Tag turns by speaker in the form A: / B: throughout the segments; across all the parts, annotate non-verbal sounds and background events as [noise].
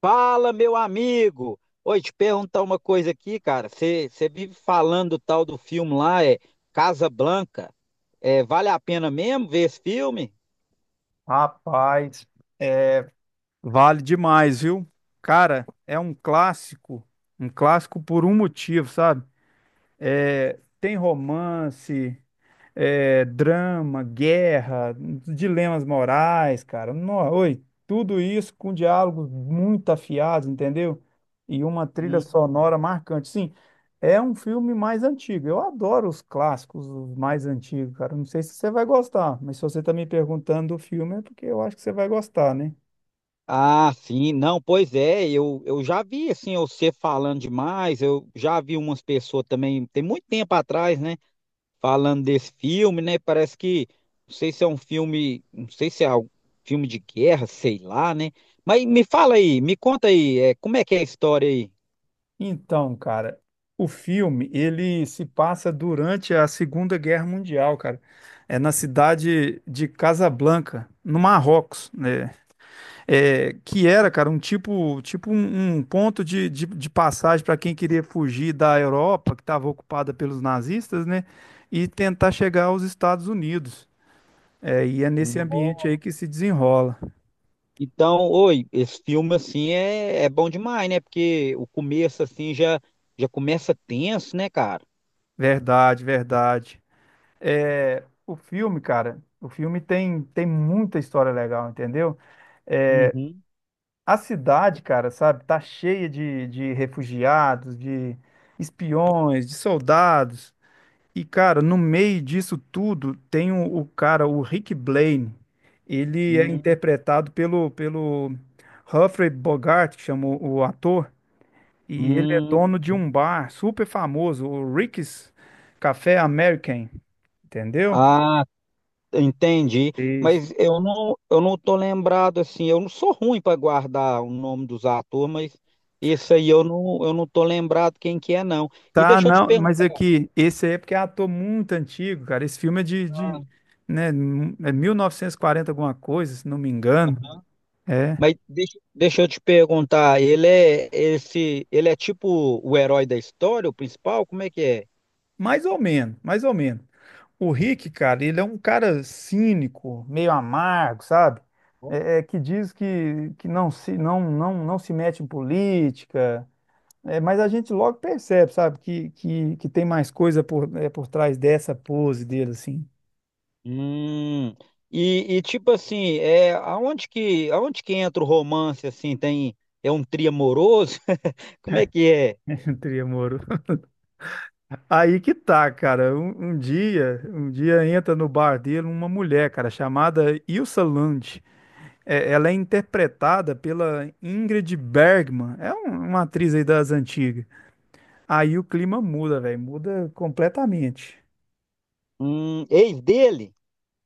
A: Fala, meu amigo! Oi, te perguntar uma coisa aqui, cara. Você vive falando do tal do filme lá, é Casa Blanca. É, vale a pena mesmo ver esse filme?
B: Rapaz, vale demais, viu? Cara, é um clássico por um motivo, sabe? É, tem romance, é, drama, guerra, dilemas morais, cara. Tudo isso com diálogos muito afiados, entendeu? E uma trilha
A: Hum.
B: sonora marcante. Sim, é um filme mais antigo. Eu adoro os clássicos, os mais antigos, cara. Não sei se você vai gostar, mas se você tá me perguntando do filme é porque eu acho que você vai gostar, né?
A: Ah, sim, não, pois é, eu já vi assim, você falando demais, eu já vi umas pessoas também, tem muito tempo atrás, né, falando desse filme, né, parece que, não sei se é um filme, não sei se é um filme de guerra, sei lá, né, mas me fala aí, me conta aí, é, como é que é a história aí?
B: Então, cara, o filme ele se passa durante a Segunda Guerra Mundial, cara. É na cidade de Casablanca, no Marrocos, né? É, que era, cara, um tipo, tipo um, um ponto de passagem para quem queria fugir da Europa, que estava ocupada pelos nazistas, né? E tentar chegar aos Estados Unidos. É, e é nesse ambiente
A: Nossa.
B: aí que se desenrola.
A: Então, oi, esse filme assim é bom demais, né? Porque o começo assim já começa tenso, né, cara?
B: Verdade, verdade. É, o filme, cara, o filme tem muita história legal, entendeu?
A: Uhum.
B: A cidade, cara, sabe, tá cheia de refugiados, de espiões, de soldados. E, cara, no meio disso tudo tem o cara, o Rick Blaine. Ele é
A: Hum,
B: interpretado pelo Humphrey Bogart, que chama o ator. E ele é
A: hum.
B: dono de um bar super famoso, o Rick's Café American, entendeu?
A: Ah, entendi.
B: Isso.
A: Mas eu não tô lembrado assim, eu não sou ruim para guardar o nome dos atores, mas esse aí eu não tô lembrado quem que é não. E
B: Tá,
A: deixa eu te
B: não, mas
A: perguntar.
B: é que esse aí é porque é ator muito antigo, cara. Esse filme é né, é 1940 alguma coisa, se não me engano. É,
A: Mas deixa eu te perguntar, ele é esse, ele é tipo o herói da história, o principal? Como é que é?
B: mais ou menos, mais ou menos. O Rick, cara, ele é um cara cínico, meio amargo, sabe? É, é que diz que, que não se mete em política. É, mas a gente logo percebe, sabe, que tem mais coisa por, é, por trás dessa pose dele, assim,
A: Hum, e tipo assim, é aonde que entra o romance assim? Tem é um trio amoroso? [laughs] Como é que é?
B: [laughs] entre amor. Aí que tá, cara. Um, um dia entra no bar dele uma mulher, cara, chamada Ilsa Lund. É, ela é interpretada pela Ingrid Bergman. É uma atriz aí das antigas. Aí o clima muda, velho. Muda completamente.
A: Ex dele?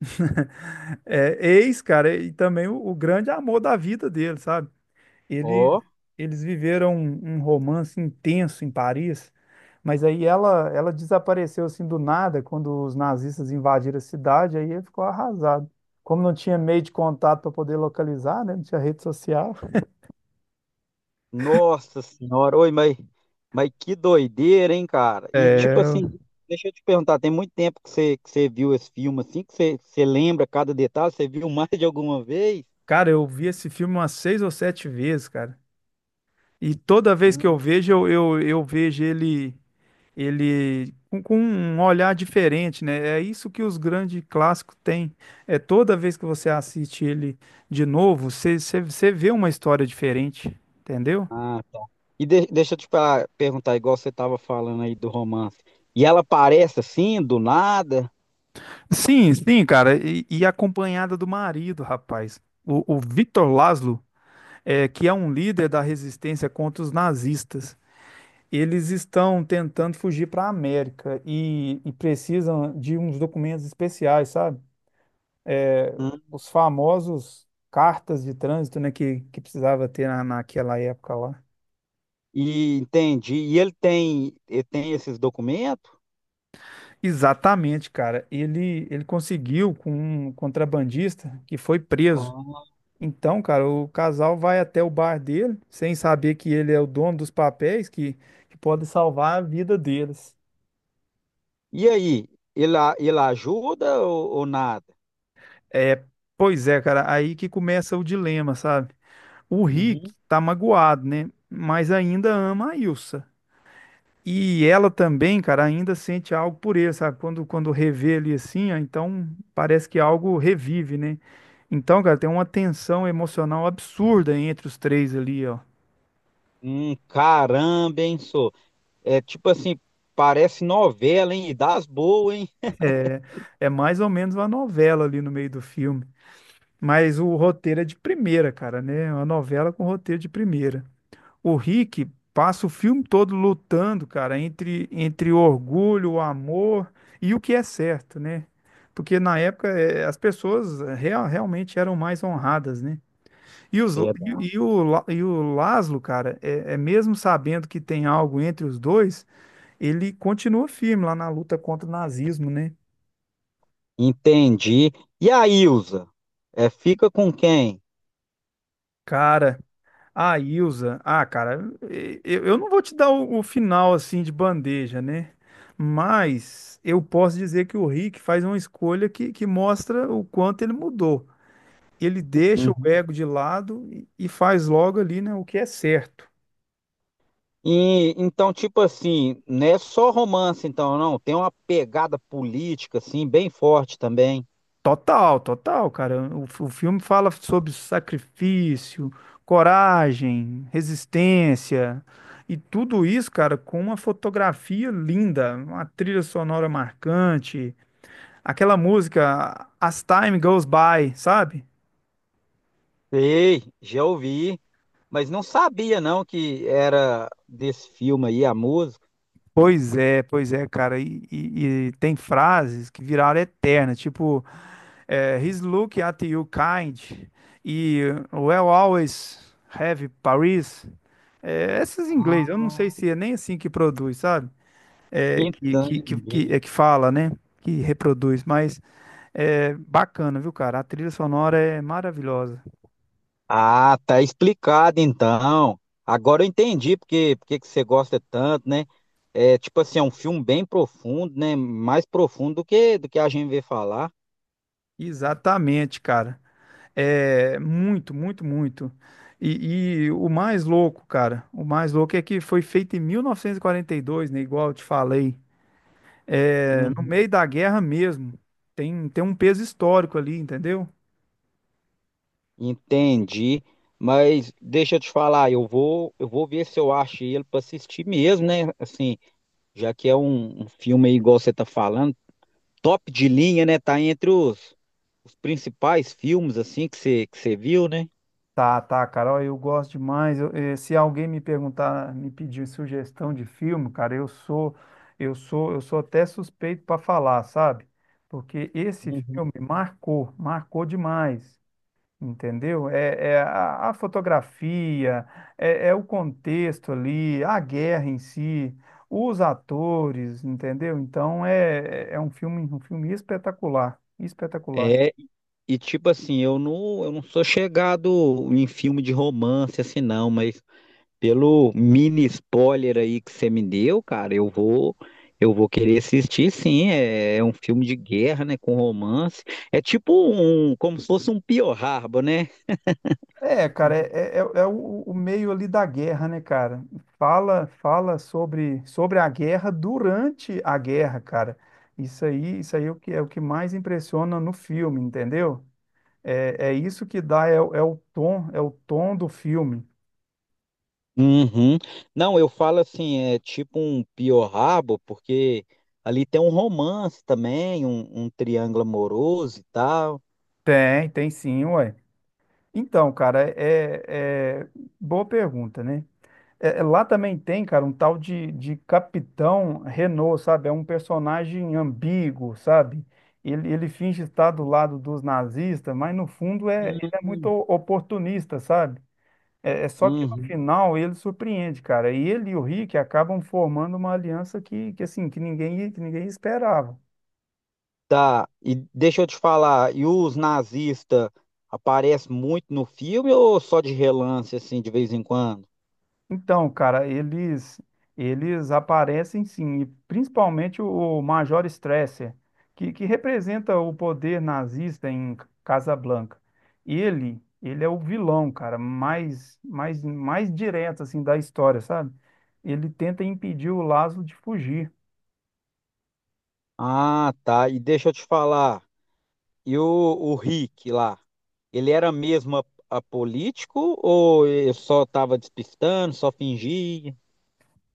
B: [laughs] É, ex, cara, e também o grande amor da vida dele, sabe? Eles,
A: Ó,
B: eles viveram um, um romance intenso em Paris, mas aí ela desapareceu assim do nada quando os nazistas invadiram a cidade, aí ele ficou arrasado. Como não tinha meio de contato para poder localizar, né? Não tinha rede social.
A: nossa senhora, oi, mas que doideira, hein, cara? E tipo
B: É,
A: assim, deixa eu te perguntar, tem muito tempo que você viu esse filme assim, que você, você lembra cada detalhe, você viu [laughs] mais de alguma vez?
B: cara, eu vi esse filme umas seis ou sete vezes, cara. E toda vez que eu
A: Hum.
B: vejo, eu vejo ele ele com um olhar diferente, né? É isso que os grandes clássicos têm. É toda vez que você assiste ele de novo, você vê uma história diferente, entendeu?
A: Ah, tá. E deixa eu te perguntar, igual você estava falando aí do romance. E ela aparece assim, do nada?
B: Sim, sim, cara. E acompanhada do marido, rapaz. O Victor Laszlo, é, que é um líder da resistência contra os nazistas. Eles estão tentando fugir para a América e precisam de uns documentos especiais, sabe? É,
A: Hum.
B: os famosos cartas de trânsito, né, que precisava ter na, naquela época lá.
A: E entendi. E ele tem esses documentos?
B: Exatamente, cara. Ele conseguiu com um contrabandista que foi preso.
A: Ah.
B: Então, cara, o casal vai até o bar dele, sem saber que ele é o dono dos papéis que pode salvar a vida deles.
A: E aí, ele, ele ajuda ou nada?
B: É, pois é, cara, aí que começa o dilema, sabe? O Rick
A: Uhum.
B: tá magoado, né? Mas ainda ama a Ilsa. E ela também, cara, ainda sente algo por ele, sabe? Quando revê ele assim, ó, então parece que algo revive, né? Então, cara, tem uma tensão emocional absurda entre os três ali, ó.
A: Caramba, hein, sou. É tipo assim, parece novela, hein? E das boas, hein?
B: É mais ou menos uma novela ali no meio do filme. Mas o roteiro é de primeira, cara, né? Uma novela com roteiro de primeira. O Rick passa o filme todo lutando, cara, entre o orgulho, o amor e o que é certo, né? Porque na época as pessoas realmente eram mais honradas, né? E, os,
A: Verdade.
B: e, e o Laszlo, cara, é, é mesmo sabendo que tem algo entre os dois, ele continua firme lá na luta contra o nazismo, né?
A: Entendi. E a Ilza? É, fica com quem?
B: Cara, a Ilza, ah, cara, eu não vou te dar o final assim de bandeja, né? Mas eu posso dizer que o Rick faz uma escolha que mostra o quanto ele mudou. Ele deixa o ego de lado e faz logo ali, né, o que é certo.
A: E então, tipo assim, não é só romance, então, não. Tem uma pegada política, assim, bem forte também.
B: Total, total, cara. O filme fala sobre sacrifício, coragem, resistência e tudo isso, cara, com uma fotografia linda, uma trilha sonora marcante. Aquela música As Time Goes By, sabe?
A: Sei, já ouvi, mas não sabia, não, que era desse filme aí a música.
B: Pois é, cara. E tem frases que viraram eternas, tipo, é, He's looking at you kind e We'll always have Paris. É, essas em inglês, eu não sei
A: Ah,
B: se é nem assim que produz, sabe? É,
A: entendi.
B: é que fala, né? Que reproduz, mas é bacana, viu, cara? A trilha sonora é maravilhosa.
A: Ah, tá explicado, então. Agora eu entendi porque, porque que você gosta tanto, né? É, tipo assim, é um filme bem profundo, né? Mais profundo do que a gente vê falar.
B: Exatamente, cara. É, muito, muito, muito. E o mais louco, cara, o mais louco é que foi feito em 1942, né? Igual eu te falei. É, no
A: Uhum.
B: meio da guerra mesmo. Tem, tem um peso histórico ali, entendeu?
A: Entendi, mas deixa eu te falar, eu vou ver se eu acho ele para assistir mesmo, né? Assim, já que é um, um filme aí, igual você tá falando, top de linha, né? Tá entre os principais filmes assim que você viu, né?
B: Tá, tá, cara. Ó, eu gosto demais. Se alguém me perguntar, me pedir sugestão de filme, cara, eu sou até suspeito para falar, sabe? Porque esse
A: Uhum.
B: filme marcou, marcou demais. Entendeu? É, é a fotografia, é, é o contexto ali, a guerra em si, os atores, entendeu? Então é, é um filme espetacular, espetacular.
A: É, e tipo assim, eu não sou chegado em filme de romance assim não, mas pelo mini spoiler aí que você me deu, cara, eu vou querer assistir, sim. É, é um filme de guerra, né, com romance. É tipo um, como se fosse um Pearl Harbor, né?
B: É, cara, é, é, é o meio ali da guerra, né, cara? Fala, fala sobre, sobre a guerra durante a guerra, cara. Isso aí é o que mais impressiona no filme, entendeu? É, é isso que dá, é, é o tom do filme.
A: Uhum. Não, eu falo assim, é tipo um Pearl Harbor, porque ali tem um romance também, um triângulo amoroso e tal.
B: Tem, tem sim, ué. Então, cara, boa pergunta, né? É, é, lá também tem, cara, um tal de Capitão Renault, sabe? É um personagem ambíguo, sabe? Ele finge estar do lado dos nazistas, mas no fundo é, ele é muito
A: Uhum.
B: oportunista, sabe? É, é só que no
A: Uhum.
B: final ele surpreende, cara. E ele e o Rick acabam formando uma aliança que assim, que ninguém esperava.
A: Tá, e deixa eu te falar, e os nazistas aparecem muito no filme ou só de relance, assim, de vez em quando?
B: Então, cara, eles aparecem sim, e principalmente o Major Stresser, que representa o poder nazista em Casablanca. Ele é o vilão, cara, mais direto assim da história, sabe? Ele tenta impedir o Laszlo de fugir.
A: Ah, tá, e deixa eu te falar, e o Rick lá, ele era mesmo apolítico ou ele só tava despistando, só fingia?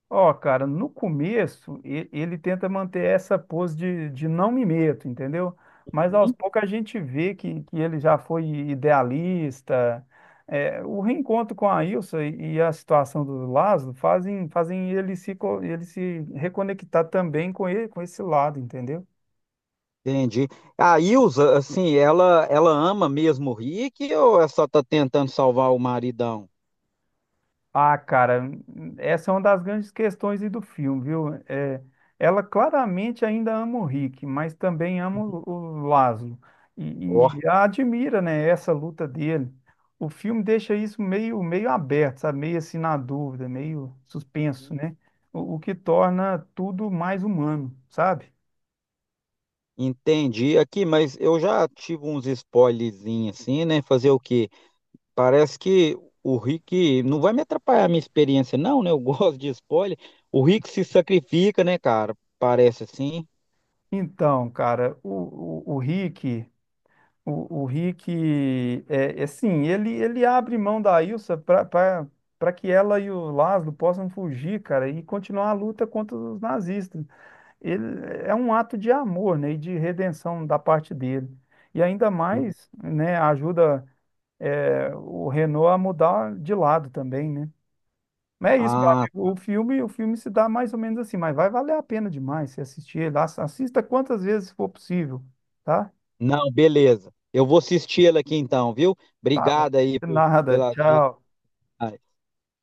B: Ó, cara, no começo ele tenta manter essa pose de não me meto, entendeu? Mas aos
A: Hum.
B: poucos a gente vê que ele já foi idealista. É, o reencontro com a Ilsa e a situação do Lázaro fazem, fazem ele se, ele se reconectar também com ele, com esse lado, entendeu?
A: Entendi. A Ilza, assim, ela ama mesmo o Rick ou ela só tá tentando salvar o maridão?
B: Ah, cara, essa é uma das grandes questões aí do filme, viu? É, ela claramente ainda ama o Rick, mas também ama o Lázaro
A: Ó.
B: e a admira, né, essa luta dele. O filme deixa isso meio, meio aberto, sabe? Meio assim na dúvida, meio suspenso, né? O que torna tudo mais humano, sabe?
A: Entendi aqui, mas eu já tive uns spoilerzinhos assim, né? Fazer o quê? Parece que o Rick não vai me atrapalhar a minha experiência, não, né? Eu [laughs] gosto de spoiler. O Rick se sacrifica, né, cara? Parece assim.
B: Então, cara, o Rick. O Rick, é, é assim, ele abre mão da Ilsa para para que ela e o Laszlo possam fugir, cara, e continuar a luta contra os nazistas. Ele, é um ato de amor, né, e de redenção da parte dele. E ainda mais, né, ajuda, é, o Renault a mudar de lado também, né? Mas é isso, meu
A: Ah,
B: amigo. O filme se dá mais ou menos assim, mas vai valer a pena demais se assistir ele. Assista quantas vezes for possível, tá?
A: não, beleza. Eu vou assistir ela aqui então, viu?
B: Tá bom.
A: Obrigado aí
B: De
A: por,
B: nada.
A: pelas dicas.
B: Tchau.